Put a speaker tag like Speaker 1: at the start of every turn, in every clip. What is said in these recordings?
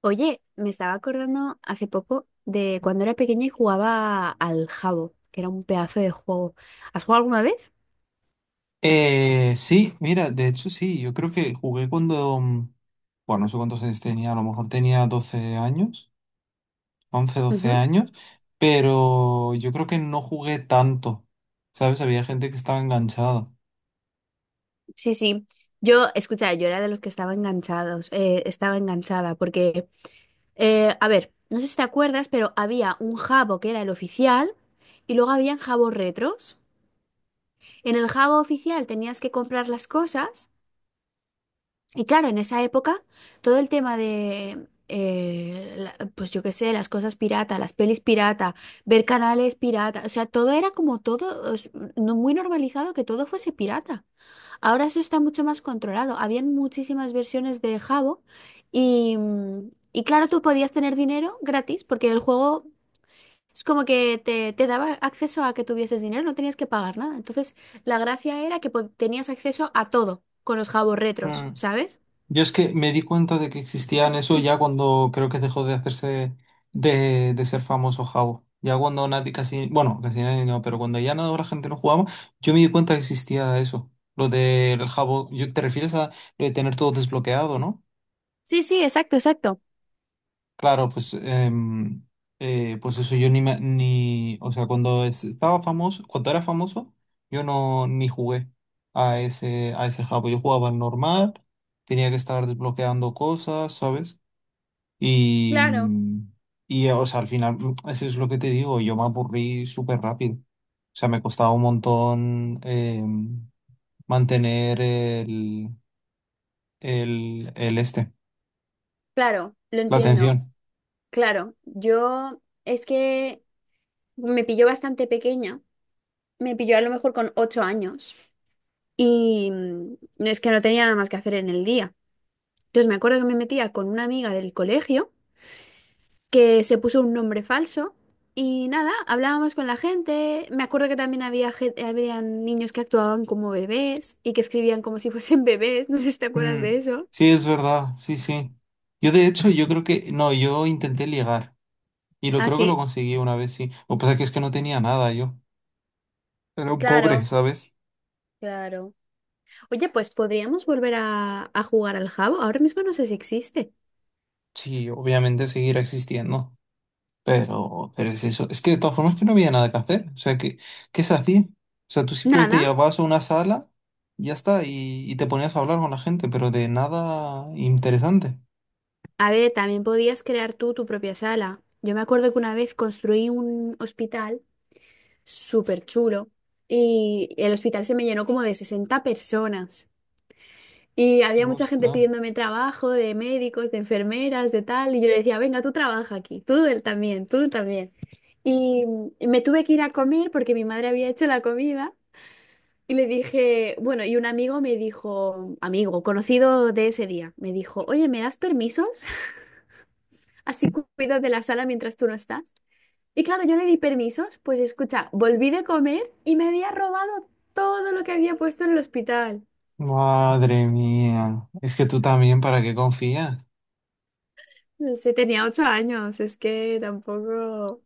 Speaker 1: Oye, me estaba acordando hace poco de cuando era pequeña y jugaba al Jabo, que era un pedazo de juego. ¿Has jugado alguna vez?
Speaker 2: Sí, mira, de hecho sí, yo creo que jugué cuando, bueno, no sé cuántos años tenía, a lo mejor tenía 12 años, 11 12
Speaker 1: Ujú.
Speaker 2: años, pero yo creo que no jugué tanto, ¿sabes? Había gente que estaba enganchada.
Speaker 1: Sí, sí. Yo, escucha, yo era de los que estaba enganchados, estaba enganchada, porque, a ver, no sé si te acuerdas, pero había un Jabo que era el oficial y luego habían Jabos retros. En el Jabo oficial tenías que comprar las cosas. Y claro, en esa época, todo el tema de, pues yo qué sé, las cosas pirata, las pelis pirata, ver canales pirata, o sea, todo era como todo, es, no muy normalizado que todo fuese pirata. Ahora eso está mucho más controlado. Habían muchísimas versiones de Jabo y, y claro, tú podías tener dinero gratis porque el juego es como que te daba acceso a que tuvieses dinero, no tenías que pagar nada. Entonces, la gracia era que tenías acceso a todo con los Jabos retros,
Speaker 2: Mm.
Speaker 1: ¿sabes?
Speaker 2: Yo es que me di cuenta de que existían eso ya cuando creo que dejó de hacerse de ser famoso Jabo. Ya cuando nadie casi, bueno, casi nadie no, pero cuando ya no, la gente no jugaba, yo me di cuenta que existía eso. Lo del Jabo, yo, ¿te refieres a lo de tener todo desbloqueado, no?
Speaker 1: Sí, sí, exacto, exacto.
Speaker 2: Claro, pues, pues eso yo ni, me- ni, o sea, cuando es- estaba famoso, cuando era famoso, yo no ni jugué a ese Jabo. Yo jugaba al normal, tenía que estar desbloqueando cosas, ¿sabes? Y,
Speaker 1: Claro.
Speaker 2: mm, y, o sea, al final, eso es lo que te digo, yo me aburrí súper rápido. O sea, me costaba un montón mantener el este,
Speaker 1: Claro, lo
Speaker 2: la
Speaker 1: entiendo.
Speaker 2: atención.
Speaker 1: Claro, yo es que me pilló bastante pequeña, me pilló a lo mejor con 8 años y no, es que no tenía nada más que hacer en el día. Entonces me acuerdo que me metía con una amiga del colegio que se puso un nombre falso y nada, hablábamos con la gente. Me acuerdo que también había habían niños que actuaban como bebés y que escribían como si fuesen bebés, no sé si te acuerdas de
Speaker 2: Mm,
Speaker 1: eso.
Speaker 2: sí, es verdad, sí, sí. Yo de hecho, yo creo que, no, yo intenté ligar y lo
Speaker 1: Ah,
Speaker 2: creo que lo
Speaker 1: sí,
Speaker 2: conseguí una vez, sí. Lo que pasa es que no tenía nada yo. Era un pobre,
Speaker 1: claro,
Speaker 2: ¿sabes?
Speaker 1: claro. Oye, pues podríamos volver a jugar al jabo. Ahora mismo no sé si existe.
Speaker 2: Sí, obviamente seguirá existiendo. Pero es eso. Es que de todas formas que no había nada que hacer. O sea, ¿qué, qué se hacía? O sea, tú simplemente
Speaker 1: Nada.
Speaker 2: llegabas a una sala, y ya está, y te ponías a hablar con la gente, pero de nada interesante.
Speaker 1: A ver, también podías crear tú tu propia sala. Yo me acuerdo que una vez construí un hospital súper chulo y el hospital se me llenó como de 60 personas. Y había mucha gente
Speaker 2: Ostras.
Speaker 1: pidiéndome trabajo de médicos, de enfermeras, de tal. Y yo le decía, venga, tú trabaja aquí, tú él también, tú también. Y me tuve que ir a comer porque mi madre había hecho la comida. Y le dije, bueno, y un amigo me dijo, amigo, conocido de ese día, me dijo, oye, ¿me das permisos? Así cuido de la sala mientras tú no estás. Y claro, yo le di permisos, pues escucha, volví de comer y me había robado todo lo que había puesto en el hospital.
Speaker 2: Madre mía. Es que tú también, ¿para qué confías?
Speaker 1: No sé, tenía 8 años, es que tampoco...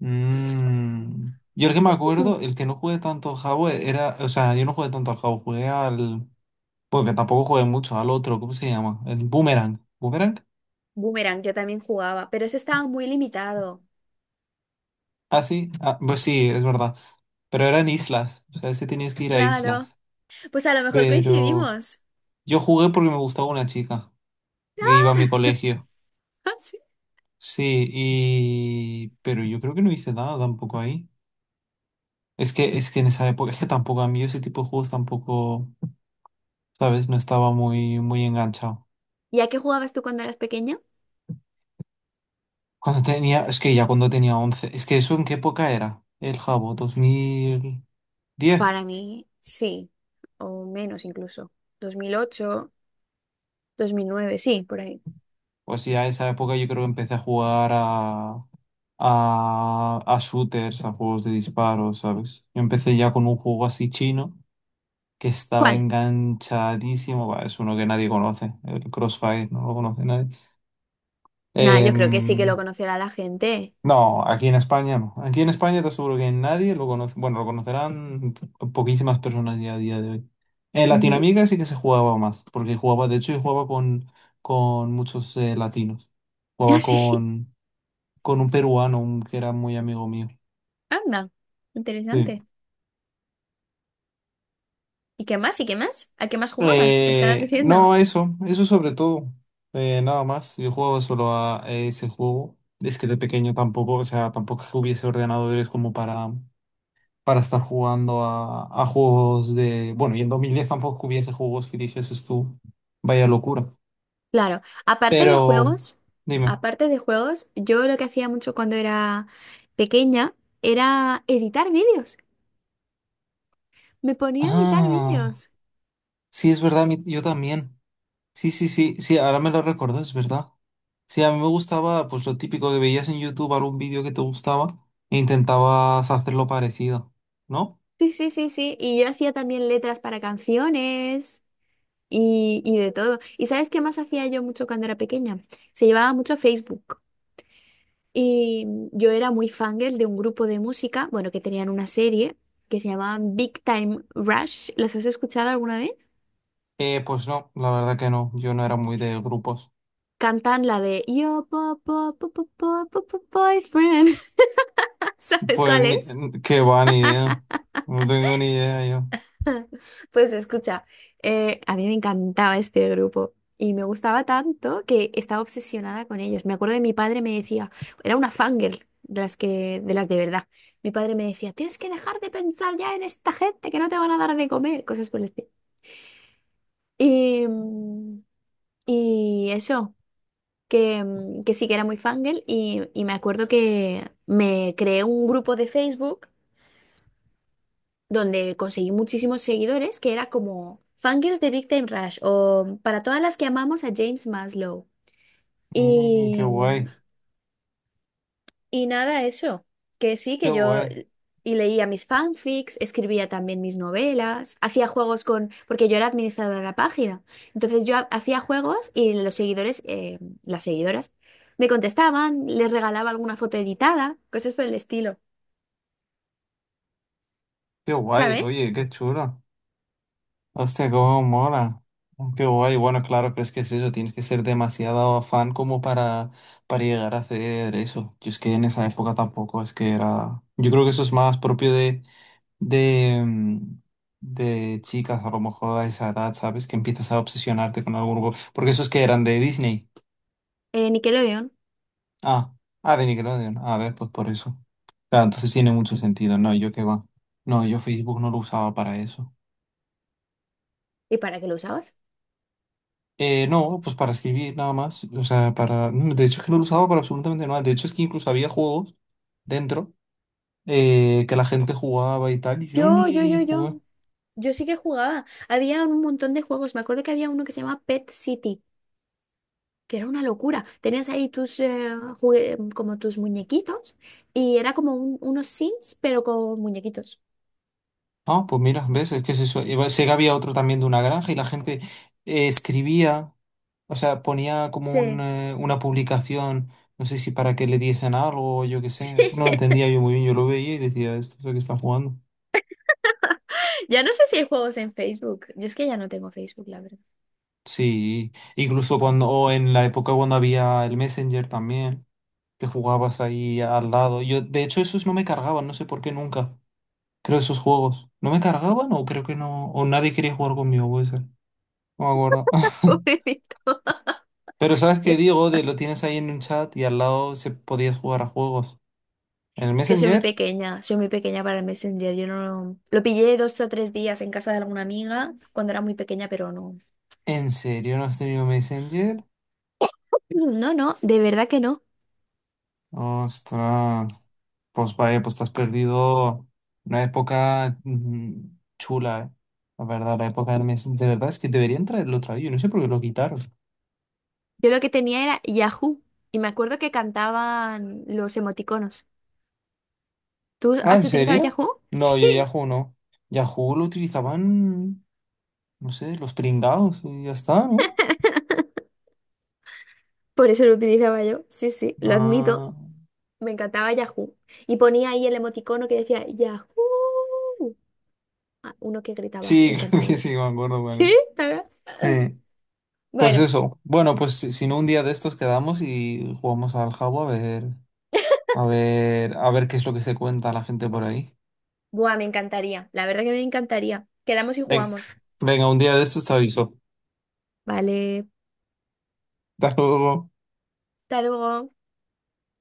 Speaker 2: Mm. Yo el que me
Speaker 1: Mm.
Speaker 2: acuerdo, el que no jugué tanto al Jabo era. O sea, yo no jugué tanto al Jabo, jugué al. Porque tampoco jugué mucho, al otro, ¿cómo se llama? El Boomerang. ¿Boomerang?
Speaker 1: Boomerang, yo también jugaba, pero ese estaba muy limitado.
Speaker 2: Ah, sí, ah, pues sí, es verdad. Pero eran islas, o sea, sí tenías que ir a
Speaker 1: Claro,
Speaker 2: islas.
Speaker 1: pues a lo mejor
Speaker 2: Pero
Speaker 1: coincidimos.
Speaker 2: yo jugué porque me gustaba una chica que iba a mi colegio.
Speaker 1: Ah, sí.
Speaker 2: Sí, y... Pero yo creo que no hice nada tampoco ahí. Es que en esa época, es que tampoco a mí ese tipo de juegos tampoco, ¿sabes? No estaba muy, muy enganchado.
Speaker 1: ¿Y a qué jugabas tú cuando eras pequeña?
Speaker 2: Cuando tenía, es que ya cuando tenía 11, ¿es que eso en qué época era? El Jabo, 2010.
Speaker 1: Para mí, sí, o menos incluso. 2008, 2009, sí, por ahí.
Speaker 2: Pues ya a esa época yo creo que empecé a jugar a a shooters, a juegos de disparo, ¿sabes? Yo empecé ya con un juego así chino que estaba
Speaker 1: ¿Cuál?
Speaker 2: enganchadísimo. Bah, es uno que nadie conoce, el Crossfire, no lo conoce nadie.
Speaker 1: Nada, yo creo que sí que
Speaker 2: Em,
Speaker 1: lo conocerá la gente.
Speaker 2: no, aquí en España no. Aquí en España te aseguro que nadie lo conoce. Bueno, lo conocerán poquísimas personas ya a día de hoy. En
Speaker 1: Ujú.
Speaker 2: Latinoamérica sí que se jugaba más, porque jugaba, de hecho, yo jugaba con muchos latinos. Jugaba
Speaker 1: Así,
Speaker 2: con un peruano, un- que era muy amigo mío.
Speaker 1: anda,
Speaker 2: Sí.
Speaker 1: interesante. ¿Y qué más? ¿Y qué más? ¿A qué más jugabas? Me estabas diciendo.
Speaker 2: No, eso sobre todo. Nada más. Yo juego solo a ese juego. Es que de pequeño tampoco, o sea, tampoco es que hubiese ordenadores como para estar jugando a juegos de. Bueno, y en 2010 tampoco hubiese juegos que dijeses tú. Vaya locura.
Speaker 1: Claro, aparte de
Speaker 2: Pero,
Speaker 1: juegos,
Speaker 2: dime.
Speaker 1: aparte de juegos, yo lo que hacía mucho cuando era pequeña era editar vídeos. Me ponía a editar vídeos.
Speaker 2: Ah, sí, es verdad, mi- yo también. Sí, sí, sí, sí, ahora me lo recuerdo, es verdad. Sí, a mí me gustaba pues lo típico que veías en YouTube, algún vídeo que te gustaba e intentabas hacerlo parecido, ¿no?
Speaker 1: Sí, sí, sí, sí. Y yo hacía también letras para canciones. Y, y de todo. ¿Y sabes qué más hacía yo mucho cuando era pequeña? Se llevaba mucho Facebook. Y yo era muy fangirl de un grupo de música, bueno, que tenían una serie que se llamaba Big Time Rush. ¿Las has escuchado alguna vez?
Speaker 2: Pues no, la verdad que no, yo no era muy de grupos.
Speaker 1: Cantan la de "Yo, po, po, po, po, po, po, po, boyfriend". ¿Sabes
Speaker 2: Pues
Speaker 1: cuál
Speaker 2: ni,
Speaker 1: es?
Speaker 2: qué va, ni idea. No tengo ni idea yo.
Speaker 1: Pues escucha, a mí me encantaba este grupo y me gustaba tanto que estaba obsesionada con ellos. Me acuerdo de mi padre me decía, era una fangirl de las que, de las de verdad. Mi padre me decía, tienes que dejar de pensar ya en esta gente que no te van a dar de comer, cosas por el estilo. Y, y eso, que sí que era muy fangirl y me acuerdo que me creé un grupo de Facebook donde conseguí muchísimos seguidores, que era como Fangirls de Big Time Rush o para todas las que amamos a James Maslow.
Speaker 2: Mm, qué
Speaker 1: Y,
Speaker 2: guay,
Speaker 1: y nada, eso, que sí,
Speaker 2: qué
Speaker 1: que yo
Speaker 2: guay,
Speaker 1: y leía mis fanfics, escribía también mis novelas, hacía juegos con, porque yo era administradora de la página, entonces yo hacía juegos y los seguidores, las seguidoras, me contestaban, les regalaba alguna foto editada, cosas por el estilo,
Speaker 2: qué guay,
Speaker 1: ¿sabes?
Speaker 2: oye, qué chulo. Hostia, cómo mola. Qué guay. Bueno, claro, pero es que es eso, tienes que ser demasiado fan como para llegar a hacer eso. Yo es que en esa época tampoco, es que era... Yo creo que eso es más propio de, de chicas, a lo mejor a esa edad, ¿sabes? Que empiezas a obsesionarte con algún grupo. Porque esos que eran de Disney.
Speaker 1: Nickelodeon.
Speaker 2: Ah, ah, de Nickelodeon. Ah, a ver, pues por eso. Claro, entonces tiene mucho sentido. No, yo qué va. No, yo Facebook no lo usaba para eso.
Speaker 1: ¿Y para qué lo usabas?
Speaker 2: No, pues para escribir nada más. O sea, para. No, de hecho, es que no lo usaba para absolutamente nada. De hecho, es que incluso había juegos dentro que la gente jugaba y tal. Y yo
Speaker 1: Yo, yo,
Speaker 2: ni
Speaker 1: yo, yo.
Speaker 2: jugué.
Speaker 1: Yo sí que jugaba. Había un montón de juegos. Me acuerdo que había uno que se llamaba Pet City, que era una locura. Tenías ahí tus como tus muñequitos y era como unos Sims, pero con muñequitos.
Speaker 2: Ah, pues mira, ¿ves? Es que es eso. Iba- Sé que había otro también de una granja y la gente escribía, o sea, ponía como un,
Speaker 1: Sí.
Speaker 2: eh, una publicación, no sé si para que le diesen algo o yo qué
Speaker 1: Sí.
Speaker 2: sé. Es que no lo entendía yo muy bien. Yo lo veía y decía, esto es lo que están jugando.
Speaker 1: Ya no sé si hay juegos en Facebook. Yo es que ya no tengo Facebook, la verdad.
Speaker 2: Sí, incluso cuando, o en la época cuando había el Messenger también, que jugabas ahí al lado. Yo, de hecho, esos no me cargaban, no sé por qué nunca. Creo esos juegos. ¿No me cargaban o creo que no? O nadie quería jugar conmigo, puede ser. No me acuerdo.
Speaker 1: Pobrecito.
Speaker 2: Pero sabes que
Speaker 1: Yo-
Speaker 2: Diego, de lo tienes ahí en un chat y al lado se podías jugar a juegos. ¿En el
Speaker 1: Es que
Speaker 2: Messenger?
Speaker 1: soy muy pequeña para el Messenger. Yo no lo pillé dos o tres días en casa de alguna amiga cuando era muy pequeña, pero no.
Speaker 2: ¿En serio no has tenido Messenger?
Speaker 1: No, no, de verdad que no.
Speaker 2: Ostras. Pues vaya, pues te has perdido una época chula, ¿eh? La verdad, la época del Messenger. De verdad es que deberían traerlo otra vez. Yo no sé por qué lo quitaron.
Speaker 1: Yo lo que tenía era Yahoo y me acuerdo que cantaban los emoticonos. ¿Tú
Speaker 2: Ah, ¿en
Speaker 1: has utilizado
Speaker 2: serio?
Speaker 1: Yahoo?
Speaker 2: No, yo
Speaker 1: Sí,
Speaker 2: Yahoo no. Yahoo lo utilizaban, no sé, los pringados y ya está, ¿no?
Speaker 1: por eso lo utilizaba yo. Sí, sí, lo admito.
Speaker 2: Ah,
Speaker 1: Me encantaba Yahoo. Y ponía ahí el emoticono que decía Yahoo. Ah, uno que gritaba
Speaker 2: sí,
Speaker 1: y
Speaker 2: creo
Speaker 1: cantaba
Speaker 2: que sí,
Speaker 1: eso.
Speaker 2: me acuerdo, vale.
Speaker 1: ¿Sí? ¿También?
Speaker 2: Eh, pues
Speaker 1: Bueno,
Speaker 2: eso. Bueno, pues si, si no un día de estos quedamos y jugamos al Jabo a ver, a ver, a ver qué es lo que se cuenta la gente por ahí.
Speaker 1: buah, me encantaría. La verdad que me encantaría. Quedamos y
Speaker 2: Ven-
Speaker 1: jugamos.
Speaker 2: venga, un día de estos te aviso.
Speaker 1: Vale,
Speaker 2: Hasta luego.
Speaker 1: hasta luego.